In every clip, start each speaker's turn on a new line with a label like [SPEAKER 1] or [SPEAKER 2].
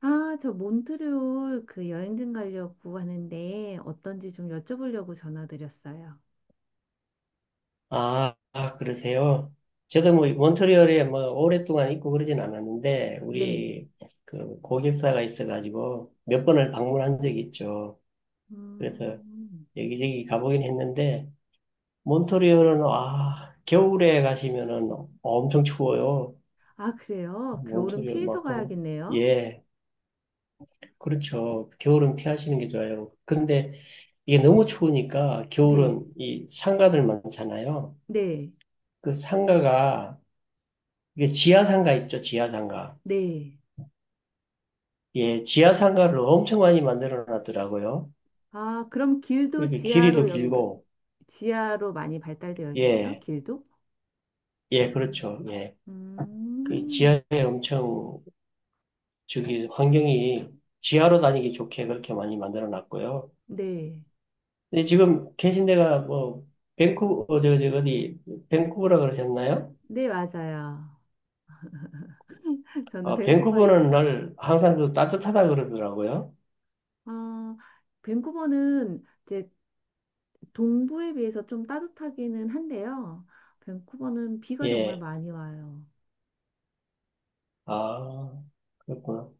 [SPEAKER 1] 아, 저 몬트리올 그 여행진 가려고 하는데 어떤지 좀 여쭤보려고 전화드렸어요.
[SPEAKER 2] 아, 아, 그러세요? 저도 뭐 몬트리올에 뭐 오랫동안 있고 그러진 않았는데
[SPEAKER 1] 네.
[SPEAKER 2] 우리 그 고객사가 있어가지고 몇 번을 방문한 적이 있죠. 그래서
[SPEAKER 1] 음.
[SPEAKER 2] 여기저기 가보긴 했는데 몬트리올은 아 겨울에 가시면은 엄청 추워요.
[SPEAKER 1] 아, 그래요? 겨울은
[SPEAKER 2] 몬트리올
[SPEAKER 1] 피해서
[SPEAKER 2] 만큼
[SPEAKER 1] 가야겠네요.
[SPEAKER 2] 예 그렇죠. 겨울은 피하시는 게 좋아요. 근데 이게 너무 추우니까
[SPEAKER 1] 네.
[SPEAKER 2] 겨울은 이 상가들 많잖아요.
[SPEAKER 1] 네.
[SPEAKER 2] 그 상가가 이게 지하상가 있죠, 지하상가.
[SPEAKER 1] 네.
[SPEAKER 2] 예, 지하 상가를 엄청 많이 만들어 놨더라고요.
[SPEAKER 1] 아, 그럼 길도
[SPEAKER 2] 이렇게 길이도
[SPEAKER 1] 지하로 연결,
[SPEAKER 2] 길고,
[SPEAKER 1] 지하로 많이 발달되어 있나요?
[SPEAKER 2] 예,
[SPEAKER 1] 길도?
[SPEAKER 2] 예,
[SPEAKER 1] 음.
[SPEAKER 2] 그렇죠. 예. 그
[SPEAKER 1] 음.
[SPEAKER 2] 지하에 엄청, 저기, 환경이 지하로 다니기 좋게 그렇게 많이 만들어 놨고요.
[SPEAKER 1] 네.
[SPEAKER 2] 근데 지금 계신 데가 뭐, 밴쿠, 어, 저, 저, 어디, 밴쿠버라 그러셨나요?
[SPEAKER 1] 네, 맞아요. 저는
[SPEAKER 2] 어,
[SPEAKER 1] 밴쿠버에 있어요.
[SPEAKER 2] 밴쿠버는 날 항상 그 따뜻하다 그러더라고요.
[SPEAKER 1] 어, 밴쿠버는 이제 동부에 비해서 좀 따뜻하기는 한데요. 밴쿠버는 비가 정말
[SPEAKER 2] 예.
[SPEAKER 1] 많이 와요.
[SPEAKER 2] 아, 그렇구나.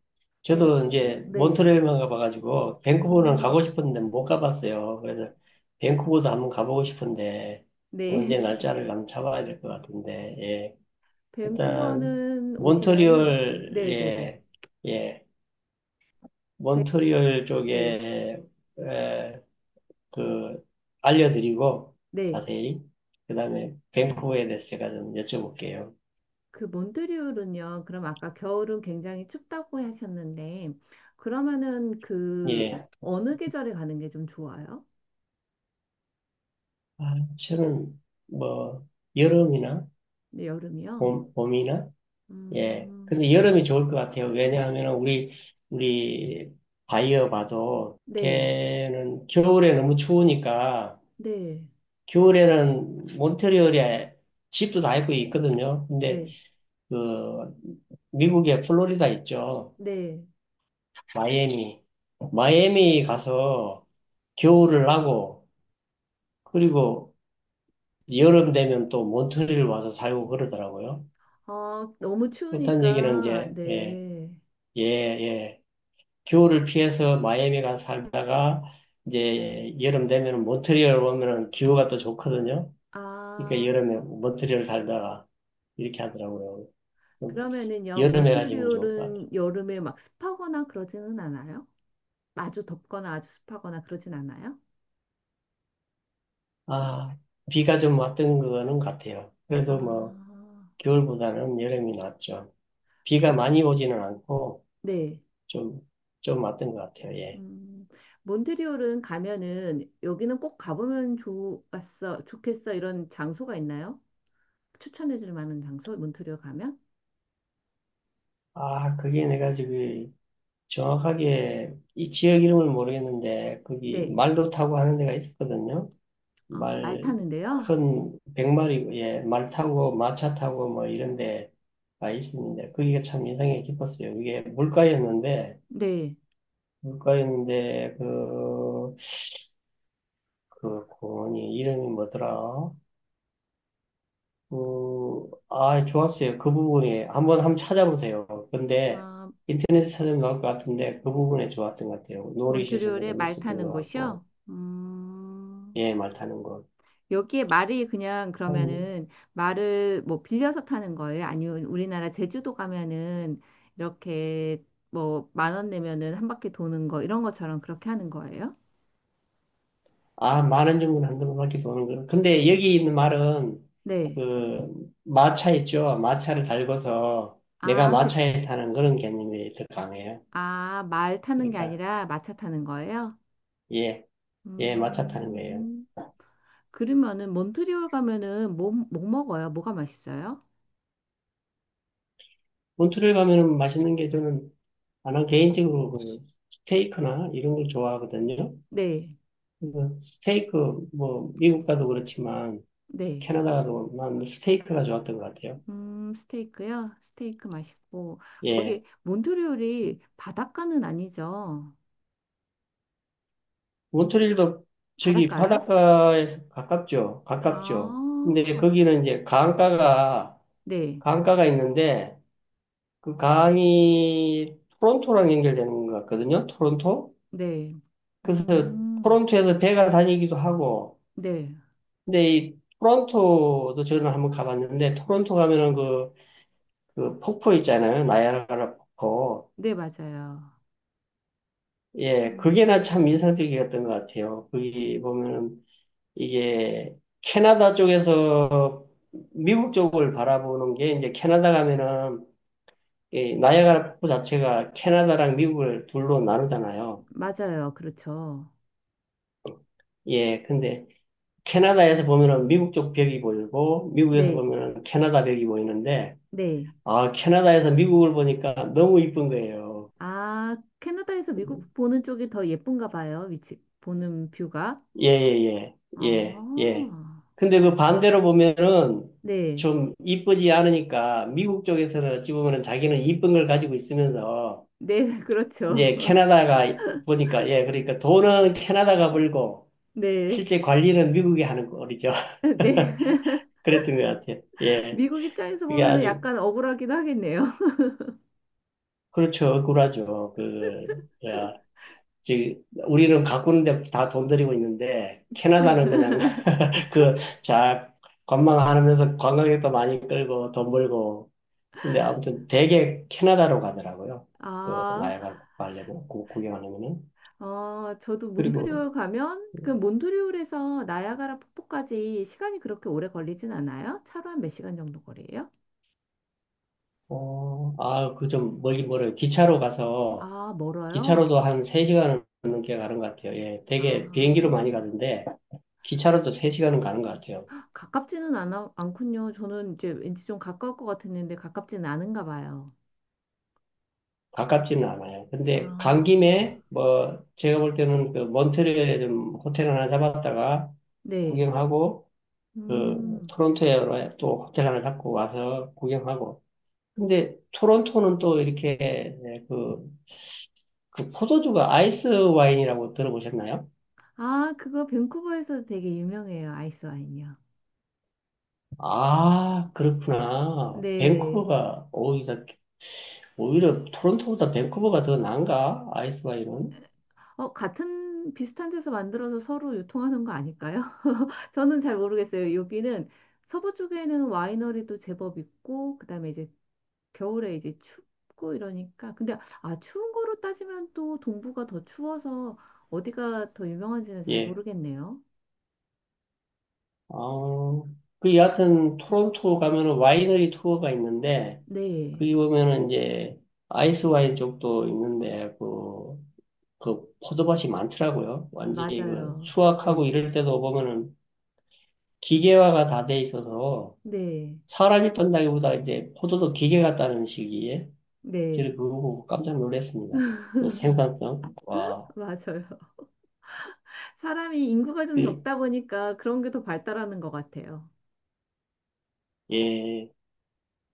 [SPEAKER 1] 밴,
[SPEAKER 2] 저도 이제
[SPEAKER 1] 네.
[SPEAKER 2] 몬트레일만 가봐가지고 밴쿠버는 가고
[SPEAKER 1] 음.
[SPEAKER 2] 싶었는데 못 가봤어요. 그래서 밴쿠버도 한번 가보고 싶은데 언제
[SPEAKER 1] 네.
[SPEAKER 2] 날짜를 한번 잡아야 될 것 같은데 예. 일단
[SPEAKER 1] 밴쿠버는 오시면은
[SPEAKER 2] 몬트리올
[SPEAKER 1] 네네네.
[SPEAKER 2] 예, 예,
[SPEAKER 1] 밴,
[SPEAKER 2] 몬트리올
[SPEAKER 1] 네.
[SPEAKER 2] 쪽에 에, 그 알려드리고
[SPEAKER 1] 네.
[SPEAKER 2] 자세히 그다음에 밴쿠버에 대해서 제가 좀 여쭤볼게요.
[SPEAKER 1] 그 몬트리올은요. 그럼 아까 겨울은 굉장히 춥다고 하셨는데 그러면은 그
[SPEAKER 2] 예,
[SPEAKER 1] 어느 계절에 가는 게 좀 좋아요?
[SPEAKER 2] 아, 저는 뭐 여름이나
[SPEAKER 1] 네, 여름이요?
[SPEAKER 2] 봄이나? 예.
[SPEAKER 1] 음.
[SPEAKER 2] 근데 여름이 좋을 것 같아요. 왜냐하면 우리 바이어 봐도
[SPEAKER 1] 네.
[SPEAKER 2] 걔는 겨울에 너무 추우니까
[SPEAKER 1] 네.
[SPEAKER 2] 겨울에는 몬트리올에 집도 다 있고 있거든요. 근데
[SPEAKER 1] 네.
[SPEAKER 2] 그 미국의 플로리다 있죠.
[SPEAKER 1] 네.
[SPEAKER 2] 마이애미. 마이애미 가서 겨울을 나고 그리고 여름 되면 또 몬트리올 와서 살고 그러더라고요.
[SPEAKER 1] 어, 너무
[SPEAKER 2] 그렇다는 얘기는
[SPEAKER 1] 추우니까,
[SPEAKER 2] 이제 예,
[SPEAKER 1] 네.
[SPEAKER 2] 예, 예. 겨울을 피해서 마이애미 가서 살다가 이제 여름 되면 모트리올 오면은 기후가 또 좋거든요. 그러니까
[SPEAKER 1] 아,
[SPEAKER 2] 여름에 모트리올 살다가 이렇게 하더라고요. 좀
[SPEAKER 1] 그러면은요,
[SPEAKER 2] 여름에 가시면 좋을 것 같아요.
[SPEAKER 1] 몬트리올은 여름에 막 습하거나 그러지는 않아요? 아주 덥거나 아주 습하거나 그러진 않아요?
[SPEAKER 2] 아, 비가 좀 왔던 거는 같아요.
[SPEAKER 1] 아,
[SPEAKER 2] 그래도 뭐 겨울보다는 여름이 낫죠. 비가
[SPEAKER 1] 그,
[SPEAKER 2] 많이 오지는 않고
[SPEAKER 1] 네.
[SPEAKER 2] 좀, 좀 왔던 것 같아요. 예.
[SPEAKER 1] 음, 몬트리올은 가면은 여기는 꼭 가보면 좋겠어 이런 장소가 있나요? 추천해 줄 만한 장소, 몬트리올 가면?
[SPEAKER 2] 아, 그게 내가 지금 정확하게 이 지역 이름을 모르겠는데 거기
[SPEAKER 1] 네.
[SPEAKER 2] 말도 타고 하는 데가 있었거든요.
[SPEAKER 1] 아, 말
[SPEAKER 2] 말,
[SPEAKER 1] 타는데요?
[SPEAKER 2] 큰, 백마리, 예, 말 타고, 마차 타고, 뭐, 이런 데가 있습니다. 그게 참 인상이 깊었어요. 이게 물가였는데,
[SPEAKER 1] 네.
[SPEAKER 2] 물가였는데, 그, 그 공원이 이름이 뭐더라? 그, 아, 좋았어요. 그 부분이. 한번 찾아보세요. 근데,
[SPEAKER 1] 아,
[SPEAKER 2] 인터넷에 찾으면 나올 것 같은데, 그 부분에 좋았던 것 같아요. 놀이시설도
[SPEAKER 1] 몬트리올에
[SPEAKER 2] 좀
[SPEAKER 1] 말
[SPEAKER 2] 있었던
[SPEAKER 1] 타는
[SPEAKER 2] 것
[SPEAKER 1] 곳이요?
[SPEAKER 2] 같고, 예, 말 타는 거.
[SPEAKER 1] 여기에 말이 그냥 그러면은 말을 뭐 빌려서 타는 거예요? 아니면 우리나라 제주도 가면은 이렇게 뭐 만 원 내면은 한 바퀴 도는 거 이런 것처럼 그렇게 하는 거예요?
[SPEAKER 2] 아, 많은는 한두 번밖에 도는 거. 근데 여기 있는 말은
[SPEAKER 1] 네.
[SPEAKER 2] 그 마차 있죠. 마차를 달고서 내가
[SPEAKER 1] 아, 그,
[SPEAKER 2] 마차에 타는 그런 개념이 더 강해요.
[SPEAKER 1] 아, 말 타는 게
[SPEAKER 2] 그러니까
[SPEAKER 1] 아니라 마차 타는 거예요?
[SPEAKER 2] 예, 예, 마차 타는 거예요.
[SPEAKER 1] 음, 그러면은 몬트리올 가면은 뭐, 뭐 먹어요? 뭐가 맛있어요?
[SPEAKER 2] 본토를 가면은 맛있는 게 저는 나는 개인적으로 그 스테이크나 이런 걸 좋아하거든요.
[SPEAKER 1] 네,
[SPEAKER 2] 그래서 스테이크 뭐 미국 가도 그렇지만
[SPEAKER 1] 네.
[SPEAKER 2] 캐나다 가도 난 스테이크가 좋았던 것 같아요.
[SPEAKER 1] 스테이크요? 스테이크 맛있고.
[SPEAKER 2] 예.
[SPEAKER 1] 거기 몬트리올이 바닷가는 아니죠?
[SPEAKER 2] 몬트리올도 저기
[SPEAKER 1] 바닷가요?
[SPEAKER 2] 바닷가에서 가깝죠. 가깝죠. 근데
[SPEAKER 1] 아,
[SPEAKER 2] 거기는 이제 강가가,
[SPEAKER 1] 네,
[SPEAKER 2] 강가가 있는데 그 강이 토론토랑 연결되는 것 같거든요. 토론토.
[SPEAKER 1] 네,
[SPEAKER 2] 그래서
[SPEAKER 1] 음,
[SPEAKER 2] 토론토에서 배가 다니기도 하고.
[SPEAKER 1] 네,
[SPEAKER 2] 근데 이 토론토도 저는 한번 가봤는데 토론토 가면은 그, 그 폭포 있잖아요. 나이아가라 폭포.
[SPEAKER 1] 네, 맞아요.
[SPEAKER 2] 예, 그게 나
[SPEAKER 1] 음,
[SPEAKER 2] 참 인상적이었던 것 같아요. 거기 보면은 이게 캐나다 쪽에서 미국 쪽을 바라보는 게 이제 캐나다 가면은 이 나이아가라 폭포 자체가 캐나다랑 미국을 둘로 나누잖아요.
[SPEAKER 1] 맞아요. 그렇죠.
[SPEAKER 2] 예, 근데 캐나다에서 보면은 미국 쪽 벽이 보이고 미국에서
[SPEAKER 1] 네,
[SPEAKER 2] 보면은 캐나다 벽이 보이는데
[SPEAKER 1] 네.
[SPEAKER 2] 아, 캐나다에서 미국을 보니까 너무 이쁜 거예요.
[SPEAKER 1] 아, 캐나다에서 미국 보는 쪽이 더 예쁜가 봐요. 위치, 보는 뷰가.
[SPEAKER 2] 예, 예, 예, 예, 예.
[SPEAKER 1] 아,
[SPEAKER 2] 근데 그 반대로 보면은
[SPEAKER 1] 네,
[SPEAKER 2] 좀 이쁘지 않으니까 미국 쪽에서는 어찌 보면은 자기는 이쁜 걸 가지고 있으면서
[SPEAKER 1] 네, 그렇죠.
[SPEAKER 2] 이제 캐나다가 보니까 예, 그러니까 돈은 캐나다가 벌고
[SPEAKER 1] 네,
[SPEAKER 2] 실제 관리는 미국이 하는 꼴이죠.
[SPEAKER 1] 네.
[SPEAKER 2] 그랬던 것 같아요. 예.
[SPEAKER 1] 미국 입장에서
[SPEAKER 2] 그게
[SPEAKER 1] 보면은
[SPEAKER 2] 아주,
[SPEAKER 1] 약간 억울하긴 하겠네요.
[SPEAKER 2] 그렇죠. 억울하죠. 그, 야, 즉, 우리는 가꾸는데 다 돈 들이고 있는데 캐나다는 그냥 그, 자, 관광하면서 관광객도 많이 끌고 돈 벌고. 근데 아무튼 되게 캐나다로 가더라고요. 그,
[SPEAKER 1] 아,
[SPEAKER 2] 나이아가라 가려면, 구경하려면은.
[SPEAKER 1] 어, 저도
[SPEAKER 2] 그리고,
[SPEAKER 1] 몬트리올 가면 그 몬트리올에서 나야가라 폭포까지 시간이 그렇게 오래 걸리진 않아요? 차로 한 몇 시간 정도 거리예요?
[SPEAKER 2] 어, 아, 그 좀 멀긴 멀어요. 기차로 가서,
[SPEAKER 1] 아, 멀어요?
[SPEAKER 2] 기차로도 한 3시간은 넘게 가는 것 같아요. 예,
[SPEAKER 1] 아,
[SPEAKER 2] 되게 비행기로 많이 가던데, 기차로도 3시간은 가는 것 같아요.
[SPEAKER 1] 않군요. 저는 이제 왠지 좀 가까울 것 같았는데 가깝지는 않은가 봐요.
[SPEAKER 2] 가깝지는 않아요. 근데 간
[SPEAKER 1] 아,
[SPEAKER 2] 김에, 뭐, 제가 볼 때는 그 몬트리올에 좀 호텔 하나 잡았다가
[SPEAKER 1] 네.
[SPEAKER 2] 구경하고, 그
[SPEAKER 1] 음.
[SPEAKER 2] 토론토에 또 호텔 하나 잡고 와서 구경하고. 근데 토론토는 또 이렇게 네, 그, 그 포도주가 아이스 와인이라고 들어보셨나요?
[SPEAKER 1] 아, 그거 밴쿠버에서 되게 유명해요. 아이스 와인이요.
[SPEAKER 2] 아, 그렇구나.
[SPEAKER 1] 네.
[SPEAKER 2] 밴쿠버가 오히려 토론토보다 밴쿠버가 더 나은가? 아이스 와인은?
[SPEAKER 1] 어, 같은 비슷한 데서 만들어서 서로 유통하는 거 아닐까요? 저는 잘 모르겠어요. 여기는 서부 쪽에는 와이너리도 제법 있고, 그다음에 이제 겨울에 이제 춥고 이러니까. 근데 아, 추운 거로 따지면 또 동부가 더 추워서 어디가 더 유명한지는 잘
[SPEAKER 2] 예.
[SPEAKER 1] 모르겠네요.
[SPEAKER 2] 어, 그 여하튼 토론토 가면은 와이너리 투어가 있는데,
[SPEAKER 1] 네,
[SPEAKER 2] 거기 보면은 이제 아이스 와인 쪽도 있는데, 그, 그 포도밭이 많더라고요. 완전히 그
[SPEAKER 1] 맞아요.
[SPEAKER 2] 수확하고
[SPEAKER 1] 네,
[SPEAKER 2] 이럴 때도 보면은 기계화가 다 돼 있어서
[SPEAKER 1] 네,
[SPEAKER 2] 사람이 떤다기보다 이제 포도도 기계 같다는 시기에 제가
[SPEAKER 1] 네,
[SPEAKER 2] 그거 보고 깜짝 놀랐습니다. 그 생산성. 와.
[SPEAKER 1] 맞아요. 사람이 인구가 좀
[SPEAKER 2] 그,
[SPEAKER 1] 적다 보니까 그런 게 더 발달하는 것 같아요.
[SPEAKER 2] 예.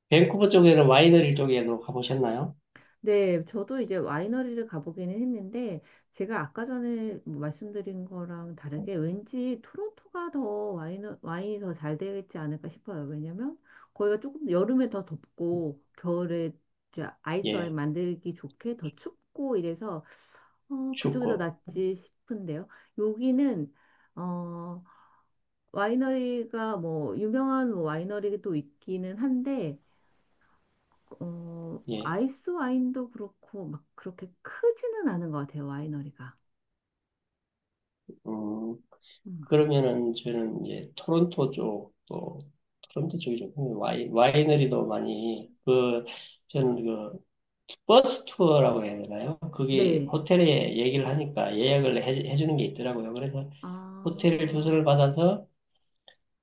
[SPEAKER 2] 밴쿠버 쪽에는 와이너리 쪽에도 가보셨나요?
[SPEAKER 1] 네, 저도 이제 와이너리를 가보기는 했는데, 제가 아까 전에 뭐 말씀드린 거랑 다르게 왠지 토론토가 더 와인이 더 잘 되겠지 않을까 싶어요. 왜냐면 거기가 조금 여름에 더 덥고, 겨울에 이제 아이스 와인
[SPEAKER 2] 예.
[SPEAKER 1] 만들기 좋게 더 춥고 이래서, 어, 그쪽이 더
[SPEAKER 2] 춥고.
[SPEAKER 1] 낫지 싶은데요. 여기는, 어, 와이너리가 뭐, 유명한 와이너리도 있기는 한데, 어,
[SPEAKER 2] 예.
[SPEAKER 1] 아이스 와인도 그렇고 막 그렇게 크지는 않은 것 같아요, 와이너리가.
[SPEAKER 2] 음,
[SPEAKER 1] 음.
[SPEAKER 2] 그러면은 저는 이제 토론토 쪽 또 토론토 쪽이죠. 와이너리도 많이 그 저는 그 버스 투어라고 해야 되나요? 그게
[SPEAKER 1] 네.
[SPEAKER 2] 호텔에 얘기를 하니까 예약을 해주는 게 있더라고요. 그래서 호텔 주소를
[SPEAKER 1] 아,
[SPEAKER 2] 받아서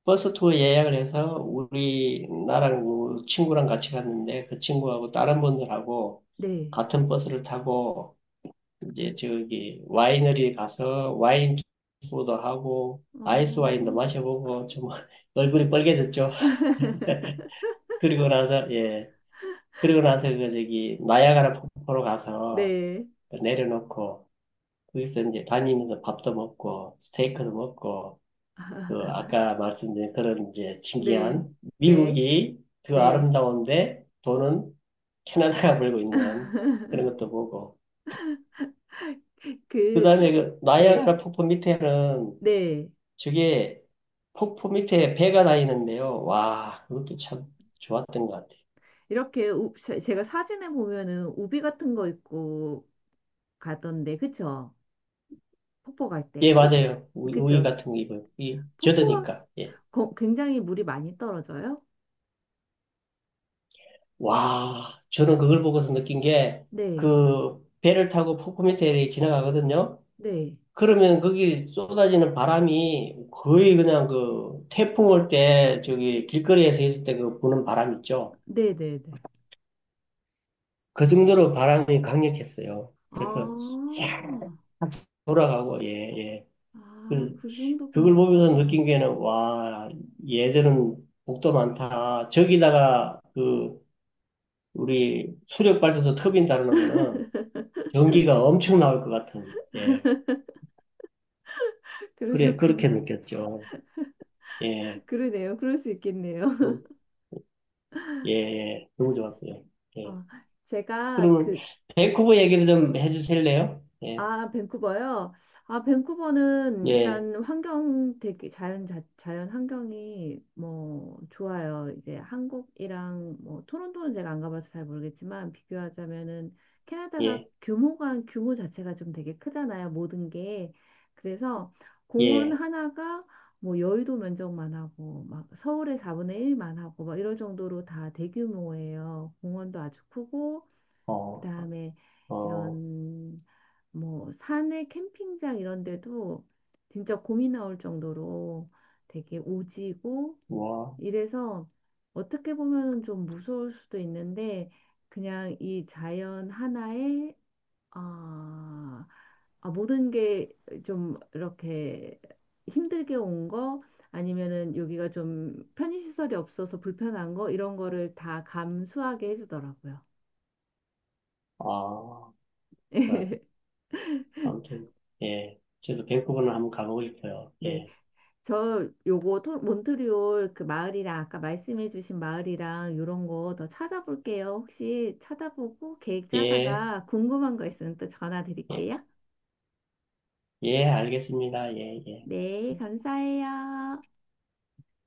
[SPEAKER 2] 버스 투어 예약을 해서 우리 나랑 그 친구랑 같이 갔는데 그 친구하고 다른 분들하고
[SPEAKER 1] 네.
[SPEAKER 2] 같은 버스를 타고 이제 저기 와이너리에 가서 와인 투어도 하고 아이스 와인도
[SPEAKER 1] 어,
[SPEAKER 2] 마셔보고 좀 얼굴이 빨개졌죠. 그리고 나서 예 그리고 나서 그 저기 나야가라 폭포로 가서
[SPEAKER 1] 네,
[SPEAKER 2] 내려놓고 거기서 이제 다니면서 밥도 먹고 스테이크도 먹고 그 아까 말씀드린 그런 이제
[SPEAKER 1] 네,
[SPEAKER 2] 신기한
[SPEAKER 1] 네,
[SPEAKER 2] 미국이 그
[SPEAKER 1] 네.
[SPEAKER 2] 아름다운데 돈은 캐나다가 벌고 있는 그런 것도 보고
[SPEAKER 1] 그,
[SPEAKER 2] 그다음에 그
[SPEAKER 1] 네,
[SPEAKER 2] 나이아가라 폭포 밑에는
[SPEAKER 1] 네.
[SPEAKER 2] 저게 폭포 밑에 배가 다니는데요. 와, 그것도 참 좋았던 것 같아요.
[SPEAKER 1] 이렇게 우, 제가 사진에 보면은 우비 같은 거 입고 가던데, 그쵸? 폭포 갈
[SPEAKER 2] 예,
[SPEAKER 1] 때. 우,
[SPEAKER 2] 맞아요. 우유
[SPEAKER 1] 그쵸?
[SPEAKER 2] 같은 거 입어요. 이
[SPEAKER 1] 폭포가
[SPEAKER 2] 젖으니까. 예.
[SPEAKER 1] 굉장히 물이 많이 떨어져요?
[SPEAKER 2] 와, 저는 그걸 보고서 느낀 게,
[SPEAKER 1] 네,
[SPEAKER 2] 그, 배를 타고 포크미터에 지나가거든요?
[SPEAKER 1] 네,
[SPEAKER 2] 그러면 거기 쏟아지는 바람이 거의 그냥 그, 태풍 올 때, 저기, 길거리에서 있을 때 그 부는 바람 있죠?
[SPEAKER 1] 네, 네, 네.
[SPEAKER 2] 그 정도로 바람이 강력했어요.
[SPEAKER 1] 아,
[SPEAKER 2] 그래서 돌아가고, 예, 예.
[SPEAKER 1] 아,
[SPEAKER 2] 그,
[SPEAKER 1] 그
[SPEAKER 2] 그걸 보면서 느낀
[SPEAKER 1] 정도구나.
[SPEAKER 2] 게는, 와, 얘들은 복도 많다. 저기다가 그, 우리 수력 발전소 터빈 달아놓으면은 전기가 엄청 나올 것 같은, 예. 그래, 그렇게
[SPEAKER 1] 그러셨구나.
[SPEAKER 2] 느꼈죠. 예,
[SPEAKER 1] 그러네요. 그럴 수 있겠네요.
[SPEAKER 2] 너무- 예, 예, 너무 좋았어요. 예.
[SPEAKER 1] 어, 제가
[SPEAKER 2] 그러면,
[SPEAKER 1] 그
[SPEAKER 2] 밴쿠버 얘기도 좀 해주실래요? 예,
[SPEAKER 1] 아, 밴쿠버요? 아, 밴쿠버는
[SPEAKER 2] 예,
[SPEAKER 1] 일단 환경 되게 자연 자연 환경이 뭐 좋아요. 이제 한국이랑 뭐 토론토는 제가 안 가봐서 잘 모르겠지만 비교하자면은 캐나다가
[SPEAKER 2] 예,
[SPEAKER 1] 규모가 규모 자체가 좀 되게 크잖아요. 모든 게. 그래서 공원
[SPEAKER 2] 예,
[SPEAKER 1] 하나가 뭐 여의도 면적만 하고 막 서울의 4분의 1만 하고 막 이럴 정도로 다 대규모예요. 공원도 아주 크고
[SPEAKER 2] 어,
[SPEAKER 1] 그다음에
[SPEAKER 2] 어,
[SPEAKER 1] 이런 뭐 산에 캠핑장 이런 데도 진짜 곰이 나올 정도로 되게 오지고
[SPEAKER 2] 뭐,
[SPEAKER 1] 이래서 어떻게 보면은 좀 무서울 수도 있는데 그냥 이 자연 하나에 아, 아 모든 게 좀 이렇게 힘들게 온 거 아니면은 여기가 좀 편의시설이 없어서 불편한 거 이런 거를 다 감수하게 해주더라고요.
[SPEAKER 2] 아, 그래. 아무튼, 예. 저도 밴쿠버는 한번 가보고 싶어요.
[SPEAKER 1] 네.
[SPEAKER 2] 예,
[SPEAKER 1] 저 요거 몬트리올 그 마을이랑 아까 말씀해주신 마을이랑 요런 거 더 찾아볼게요. 혹시 찾아보고 계획
[SPEAKER 2] 예,
[SPEAKER 1] 짜다가 궁금한 거 있으면 또 전화
[SPEAKER 2] 예,
[SPEAKER 1] 드릴게요.
[SPEAKER 2] 예, 알겠습니다. 예, 예.
[SPEAKER 1] 네, 감사해요.